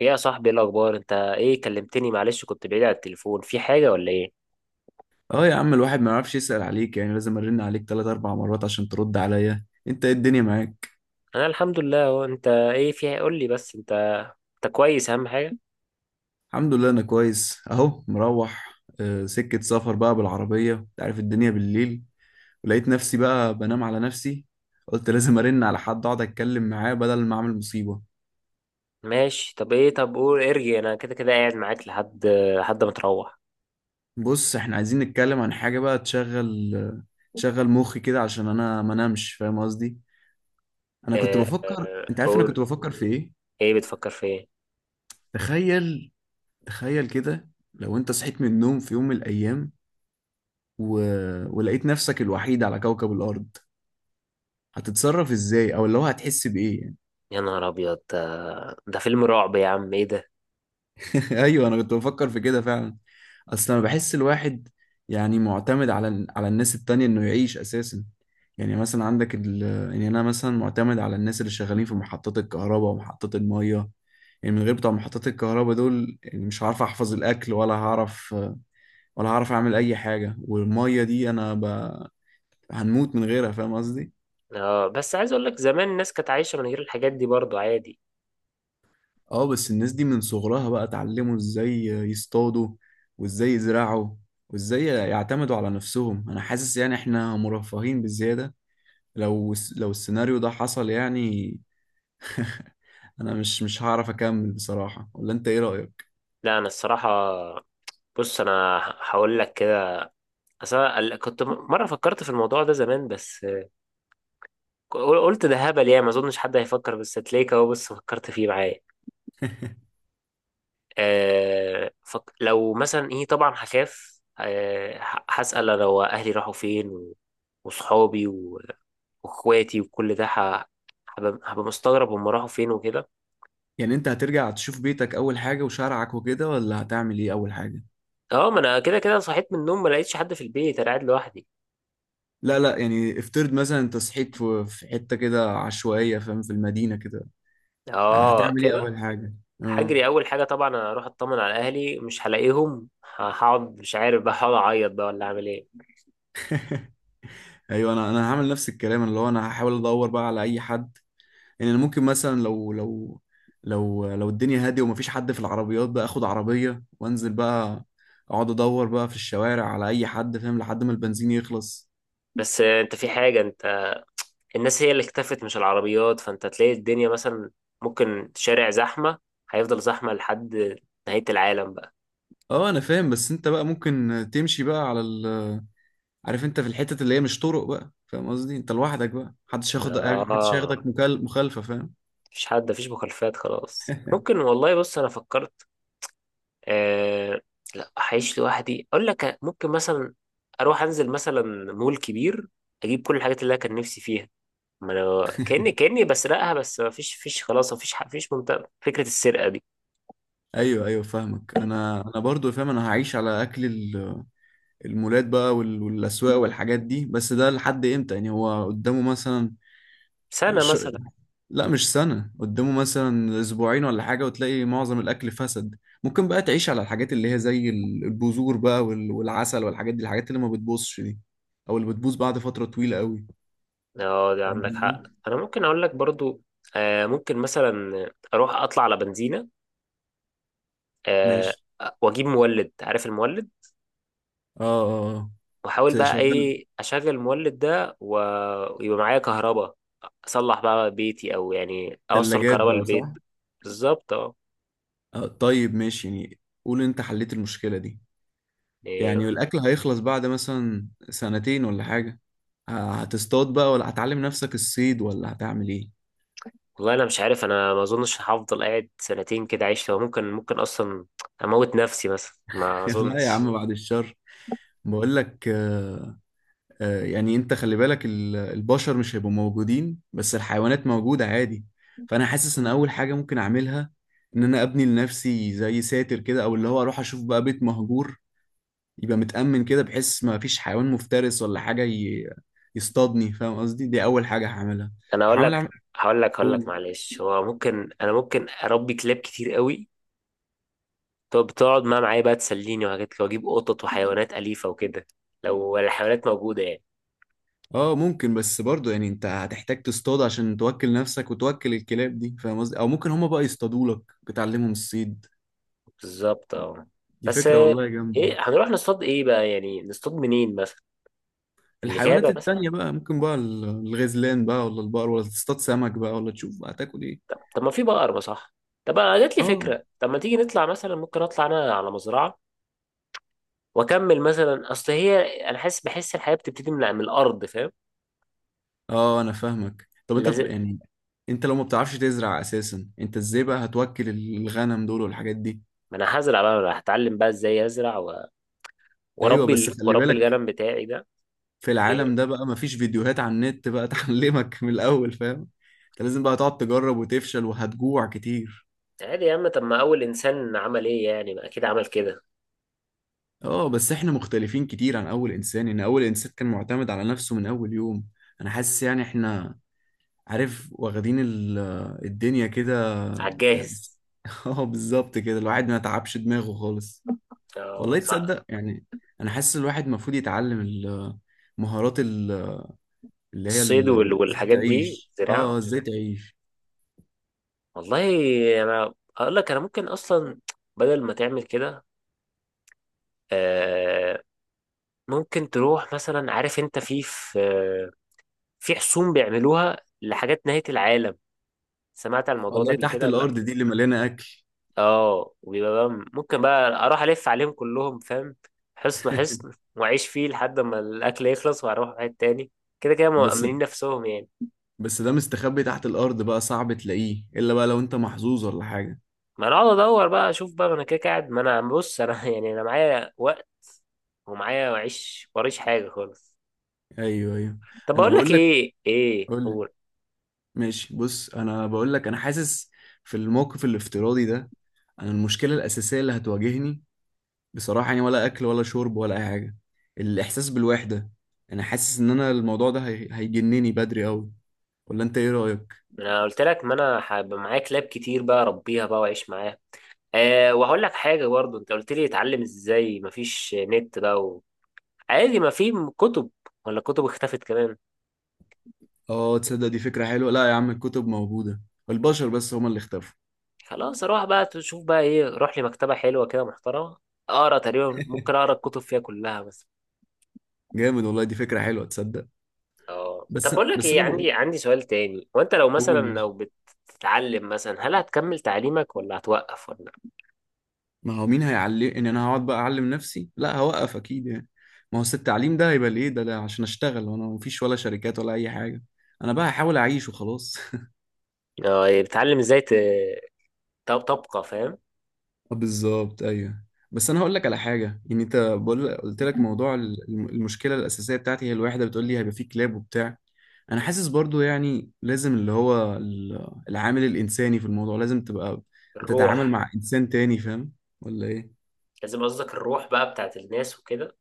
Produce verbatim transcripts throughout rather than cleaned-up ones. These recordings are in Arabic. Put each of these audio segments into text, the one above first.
ايه يا صاحبي، ايه الاخبار؟ انت ايه كلمتني؟ معلش كنت بعيد على التليفون، في حاجه ولا ايه؟ اه يا عم، الواحد ما يعرفش يسأل عليك؟ يعني لازم ارن عليك تلات اربع مرات عشان ترد عليا؟ انت ايه الدنيا معاك؟ انا الحمد لله. هو انت ايه؟ في، قول لي، بس انت انت كويس اهم حاجه؟ الحمد لله انا كويس، اهو مروح آه، سكة سفر بقى بالعربية، انت عارف الدنيا بالليل. ولقيت نفسي بقى بنام على نفسي، قلت لازم ارن على حد اقعد اتكلم معاه بدل ما اعمل مصيبة. ماشي. طب ايه، طب قول، ارجع، انا كده كده قاعد معاك لحد لحد ما تروح. بص، احنا عايزين نتكلم عن حاجة بقى تشغل آه، تشغل مخي كده عشان انا ما نامش، فاهم قصدي. انا كنت اه، بفكر، اه، انت عارف انا كنت قول. بفكر في ايه؟ ايه بتفكر في ايه؟ تخيل، تخيل كده، لو انت صحيت من النوم في يوم من الايام و... ولقيت نفسك الوحيد على كوكب الأرض، هتتصرف إزاي، أو اللي هو هتحس بإيه يعني. يا نهار ابيض، ده ده فيلم رعب يا عم، ايه ده؟ أيوه، أنا كنت بفكر في كده فعلا. أصل أنا بحس الواحد يعني معتمد على ال- على الناس التانية إنه يعيش أساسا. يعني مثلا عندك ال... يعني أنا مثلا معتمد على الناس اللي شغالين في محطات الكهرباء ومحطات المية. يعني من غير بتوع محطات الكهرباء دول، يعني مش هعرف احفظ الاكل ولا هعرف، ولا هعرف اعمل اي حاجه. والميه دي انا ب... هنموت من غيرها، فاهم قصدي. اه، بس عايز اقول لك زمان الناس كانت عايشه من غير الحاجات دي برضو عادي. اه بس الناس دي من صغرها بقى اتعلموا ازاي يصطادوا، وازاي يزرعوا، وازاي يعتمدوا على نفسهم. انا حاسس يعني احنا مرفهين بزيادة، لو لو السيناريو ده حصل يعني. انا مش مش هعرف اكمل بصراحة، ولا انت ايه رأيك؟ لا، انا الصراحه، بص انا هقول لك كده. اصل أنا ال- كنت م- مره فكرت في الموضوع ده زمان، بس قلت ده هبل، يعني ما اظنش حد هيفكر، بس هتلاقيك اهو بس فكرت فيه معايا. أه فك... لو مثلا ايه، طبعا هخاف، أه ه- هسأل انا واهلي راحوا فين، و... وصحابي و... واخواتي وكل ده، ه... هبقى هبقى مستغرب هم راحوا فين وكده. يعني انت هترجع تشوف بيتك اول حاجة وشارعك وكده، ولا هتعمل ايه اول حاجة؟ اه، ما انا كده كده صحيت من النوم ما لقيتش حد في البيت، انا قاعد لوحدي. لا لا، يعني افترض مثلا انت صحيت في في حتة كده عشوائية، فاهم، في المدينة كده، اه هتعمل ايه كده. اول حاجة؟ اه. هجري اول حاجه طبعا، اروح اطمن على اهلي، مش هلاقيهم، هقعد مش عارف بقى، هقعد اعيط بقى ولا اعمل ايه. ايوه، انا انا هعمل نفس الكلام، اللي هو انا هحاول ادور بقى على اي حد. يعني انا ممكن مثلا لو لو لو لو الدنيا هاديه ومفيش حد في العربيات، بقى اخد عربيه وانزل بقى، اقعد ادور بقى في الشوارع على اي حد، فاهم، لحد ما البنزين يخلص. بس آه، انت في حاجه. انت الناس هي اللي اكتفت مش العربيات، فانت تلاقي الدنيا مثلا ممكن شارع زحمة هيفضل زحمة لحد نهاية العالم بقى. اه انا فاهم، بس انت بقى ممكن تمشي بقى على ال... عارف، انت في الحتت اللي هي مش طرق بقى، فاهم قصدي، انت لوحدك بقى، محدش هياخد، محدش اه، هياخدك مكال... مخالفه، فاهم. مفيش حد، مفيش مخالفات خلاص، ممكن، والله. بص انا فكرت، آه لا هعيش لوحدي، اقول لك ممكن مثلا اروح انزل مثلا مول كبير، اجيب كل الحاجات اللي انا كان نفسي فيها، ما انا كاني كاني بسرقها، بس مفيش فيش خلاص، مفيش ح- مفيش منطقة، فكرة السرقة دي. ايوه ايوه فاهمك، انا انا برضو فاهم. انا هعيش على اكل المولات بقى وال- والاسواق والحاجات دي، بس ده لحد امتى يعني؟ هو قدامه مثلا؟ سنة ش... مثلا. لا مش سنة، قدامه مثلا اسبوعين ولا حاجة، وتلاقي معظم الاكل فسد. ممكن بقى تعيش على الحاجات اللي هي زي ال- البذور بقى وال- والعسل والحاجات دي، الحاجات اللي ما بتبوظش دي، او اللي بتبوظ بعد فترة طويلة قوي. اه دي فاهم عندك حق، قصدي؟ انا ممكن اقول لك برضو. آه ممكن مثلا اروح اطلع على بنزينه، آه ماشي. واجيب مولد، عارف المولد؟ اه اه آه. واحاول بقى تشغل ايه اشغل المولد ده و- ويبقى معايا كهرباء، اصلح بقى بيتي، او يعني اوصل ثلاجات كهرباء بقى، صح؟ للبيت. بالظبط اه. آه طيب، ماشي يعني. قول، انت حليت المشكلة دي، يعني إيه، الأكل هيخلص بعد مثلا سنتين ولا حاجة، ه- هتصطاد بقى ولا هتعلم نفسك الصيد ولا هتعمل ايه؟ والله انا مش عارف، انا ما اظنش هفضل قاعد سنتين كده عايش، لو ممكن، ممكن اصلا اموت نفسي مثلا، ما لا يا اظنش. عم، بعد الشر. بقول لك آه، آه، يعني انت خلي بالك، ال- البشر مش هيبقوا موجودين، بس الحيوانات موجودة عادي. فانا حاسس ان اول حاجة ممكن اعملها ان انا ابني لنفسي زي ساتر كده، او اللي هو اروح اشوف بقى بيت مهجور يبقى متأمن كده، بحيث ما فيش حيوان مفترس ولا حاجة ي- يصطادني، فاهم قصدي. دي اول حاجة هعملها. انا اقول لك، هعمل. اعمل. هقول لك هقول لك معلش، هو ممكن انا ممكن اربي كلاب كتير قوي، طب تقعد معاه معايا بقى تسليني وحاجات كده، واجيب قطط وحيوانات أليفة وكده، لو الحيوانات موجودة يعني. اه ممكن، بس برضه يعني انت هتحتاج تصطاد عشان توكل نفسك وتوكل الكلاب دي، فاهم قصدي، او ممكن هما بقى يصطادوا لك، بتعلمهم الصيد. بالظبط اه. دي بس فكرة آه، والله جامدة. ايه هنروح نصطاد ايه بقى، يعني نصطاد منين مثلا، في الحيوانات الغابة مثلا؟ التانية بقى، ممكن بقى ال- الغزلان بقى ولا البقر، ولا تصطاد سمك بقى، ولا تشوف بقى هتاكل ايه. طب, طب ما في بقر ما صح. طب انا جات لي اه فكرة، طب ما تيجي نطلع مثلا، ممكن اطلع انا على مزرعة واكمل مثلا، اصل هي انا حاسس بحس الحياة بتبتدي من, من الارض فاهم. اه انا فاهمك. طب انت لازم. ب- يعني انت لو ما بتعرفش تزرع اساسا، انت ازاي بقى هتوكل الغنم دول والحاجات دي؟ ما انا هزرع بقى، أنا هتعلم بقى ازاي ازرع و... ايوه واربي بس ال... خلي واربي بالك، الغنم بتاعي ده. في إيه؟ العالم ده بقى مفيش فيديوهات على النت بقى تعلمك من الأول، فاهم. انت لازم بقى تقعد تجرب وتفشل، وهتجوع كتير. عادي يا عم، طب ما اول انسان عمل ايه يعني، ما اكيد عمل كده. اه بس احنا مختلفين كتير عن أول إنسان، إن أول إنسان كان معتمد على نفسه من أول يوم. أنا حاسس يعني احنا، عارف، واخدين ال- آه، الدنيا كده على يعني. الجاهز. اه بالظبط كده، الواحد ما تعبش دماغه خالص. آه، والله ص- تصدق يعني، أنا حاسس الواحد المفروض يتعلم ال- آه، مهارات ال- آه، اللي هي الصيد ال- وال- آه، ازاي والحاجات دي، تعيش، زراعة. اه ازاي تعيش. والله انا اقول لك، انا ممكن اصلا، بدل ما تعمل كده، آه، ممكن تروح مثلا. عارف انت في في في حصون بيعملوها لحاجات نهاية العالم، سمعت عن الموضوع ولا ده ايه، قبل تحت كده ولا؟ الارض دي اللي مليانه اكل؟ اه، وبيبقى بقى، ممكن بقى اروح الف عليهم كلهم فاهم، حصن حصن، واعيش فيه لحد ما الاكل يخلص، واروح واحد تاني، كده كده بس مأمنين نفسهم يعني. بس ده مستخبي تحت الارض بقى، صعب تلاقيه الا بقى لو انت محظوظ ولا حاجه. ما انا اقعد ادور بقى، اشوف بقى، ما انا كده كده قاعد، ما انا، بص انا يعني انا معايا وقت، ومعايا معيش وريش حاجه خالص. ايوه ايوه. طب انا بقول لك بقول لك. ايه، ايه، قول لي. قول. ماشي، بص انا بقول لك، انا حاسس في الموقف الافتراضي ده، انا المشكله الاساسيه اللي هتواجهني بصراحه يعني، ولا اكل ولا شرب ولا اي حاجه، الاحساس بالوحده. انا حاسس ان انا الموضوع ده هي- هيجنني بدري قوي، ولا انت ايه رايك؟ انا قلت لك، ما انا هبقى معايا كلاب كتير بقى اربيها بقى واعيش معاها. أه، وهقول لك حاجه برضو، انت قلت لي اتعلم ازاي مفيش نت بقى، عادي، ما في كتب، ولا كتب اختفت كمان؟ اه تصدق دي فكره حلوه. لا يا عم، الكتب موجوده، البشر بس هما اللي اختفوا. خلاص اروح بقى، تشوف بقى ايه، روح لي مكتبة حلوة كده محترمة، اقرا تقريبا، ممكن اقرا الكتب فيها كلها بس. جامد والله، دي فكرة حلوة تصدق. اه، طب بس بقول لك بس ايه، انا بقول. عندي عندي سؤال تاني، وانت لو مثلا، قول ماشي. لو بتتعلم مثلا، هل هتكمل تعليمك ولا هتوقف ولا؟ ما هو مين هيعلم؟ ان انا هقعد بقى اعلم نفسي؟ لا هوقف اكيد يعني. ما هو أصل التعليم ده هيبقى ليه ده؟ لا عشان اشتغل وانا مفيش ولا شركات ولا اي حاجة. انا بقى هحاول اعيش وخلاص. اه يعني بتتعلم ازاي ت- ت- تبقى فاهم. آه، بالظبط، ايوه. بس انا هقول لك على حاجة يعني، انت بقول قلت لك، موضوع ال- الم- المشكلة الاساسية بتاعتي هي الوحدة، بتقول لي هيبقى فيه كلاب وبتاع. انا حاسس برضو يعني لازم اللي هو ال- العامل الانساني في الموضوع لازم تبقى الروح. بتتعامل مع انسان تاني، فاهم، ولا ايه؟ لازم، قصدك الروح بقى بتاعت الناس وكده،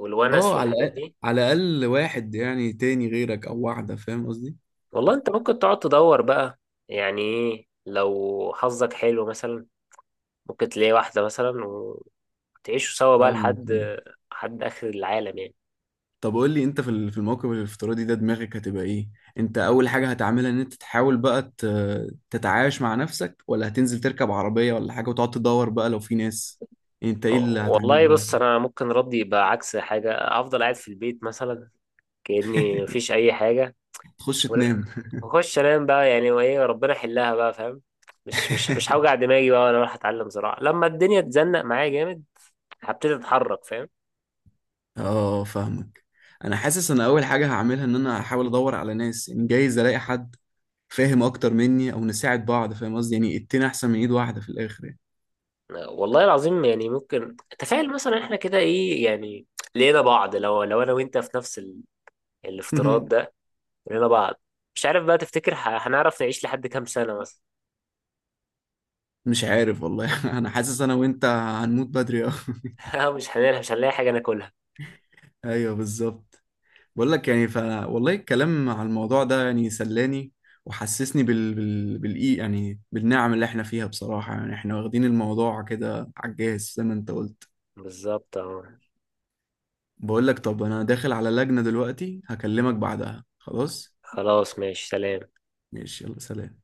والونس اه على والحاجات الأقل، دي. على الاقل واحد يعني تاني غيرك، او واحده، فاهم قصدي. والله انت ممكن تقعد تدور بقى، يعني ايه، لو حظك حلو مثلا ممكن تلاقي واحدة مثلا، وتعيشوا سوا بقى فاهمك. لحد، لحد آخر العالم يعني. طب قول لي انت، في ال- في الموقف الافتراضي ده دماغك هتبقى ايه؟ انت اول حاجه هتعملها ان انت تحاول بقى ت- تتعايش مع نفسك، ولا هتنزل تركب عربيه ولا حاجه وتقعد تدور بقى لو في ناس؟ انت ايه اللي والله هتعمله اول بص، حاجه؟ أنا ممكن ردي يبقى عكس حاجة، أفضل قاعد في البيت مثلا كأني مفيش أي حاجة، تخش ولا- تنام؟ وأخش أنام بقى يعني، وإيه، ربنا يحلها بقى فاهم، مش مش مش هوجع دماغي بقى، وأنا رايح أتعلم زراعة لما الدنيا تزنق معايا جامد هبتدي أتحرك فاهم. اه فاهمك. انا حاسس انا اول حاجه هعملها ان انا هحاول ادور على ناس، ان جايز الاقي حد فاهم اكتر مني، او نساعد بعض، فاهم قصدي، يعني اتنين احسن من ايد واحده في الاخر يعني. والله العظيم، يعني ممكن تخيل مثلا إحنا كده إيه يعني؟ لقينا بعض، لو لو أنا وأنت في نفس ال... الافتراض ده، كلنا بعض. مش عارف بقى تفتكر ه- هنعرف نعيش لحد كام سنة مثلا؟ مش عارف والله. انا حاسس انا وانت هنموت بدري أوي. مش هنلاقي مش هنلاقي حاجة ناكلها. ايوه بالظبط. بقول لك يعني، ف والله الكلام على الموضوع ده يعني سلاني، وحسسني بال... بال... بالإي يعني بالنعم اللي احنا فيها بصراحة. يعني احنا واخدين الموضوع كده على الجاهز، زي ما انت قلت. بالظبط اه. بقول لك، طب انا داخل على لجنة دلوقتي، هكلمك بعدها خلاص. خلاص ماشي، سلام. ماشي يلا سلام.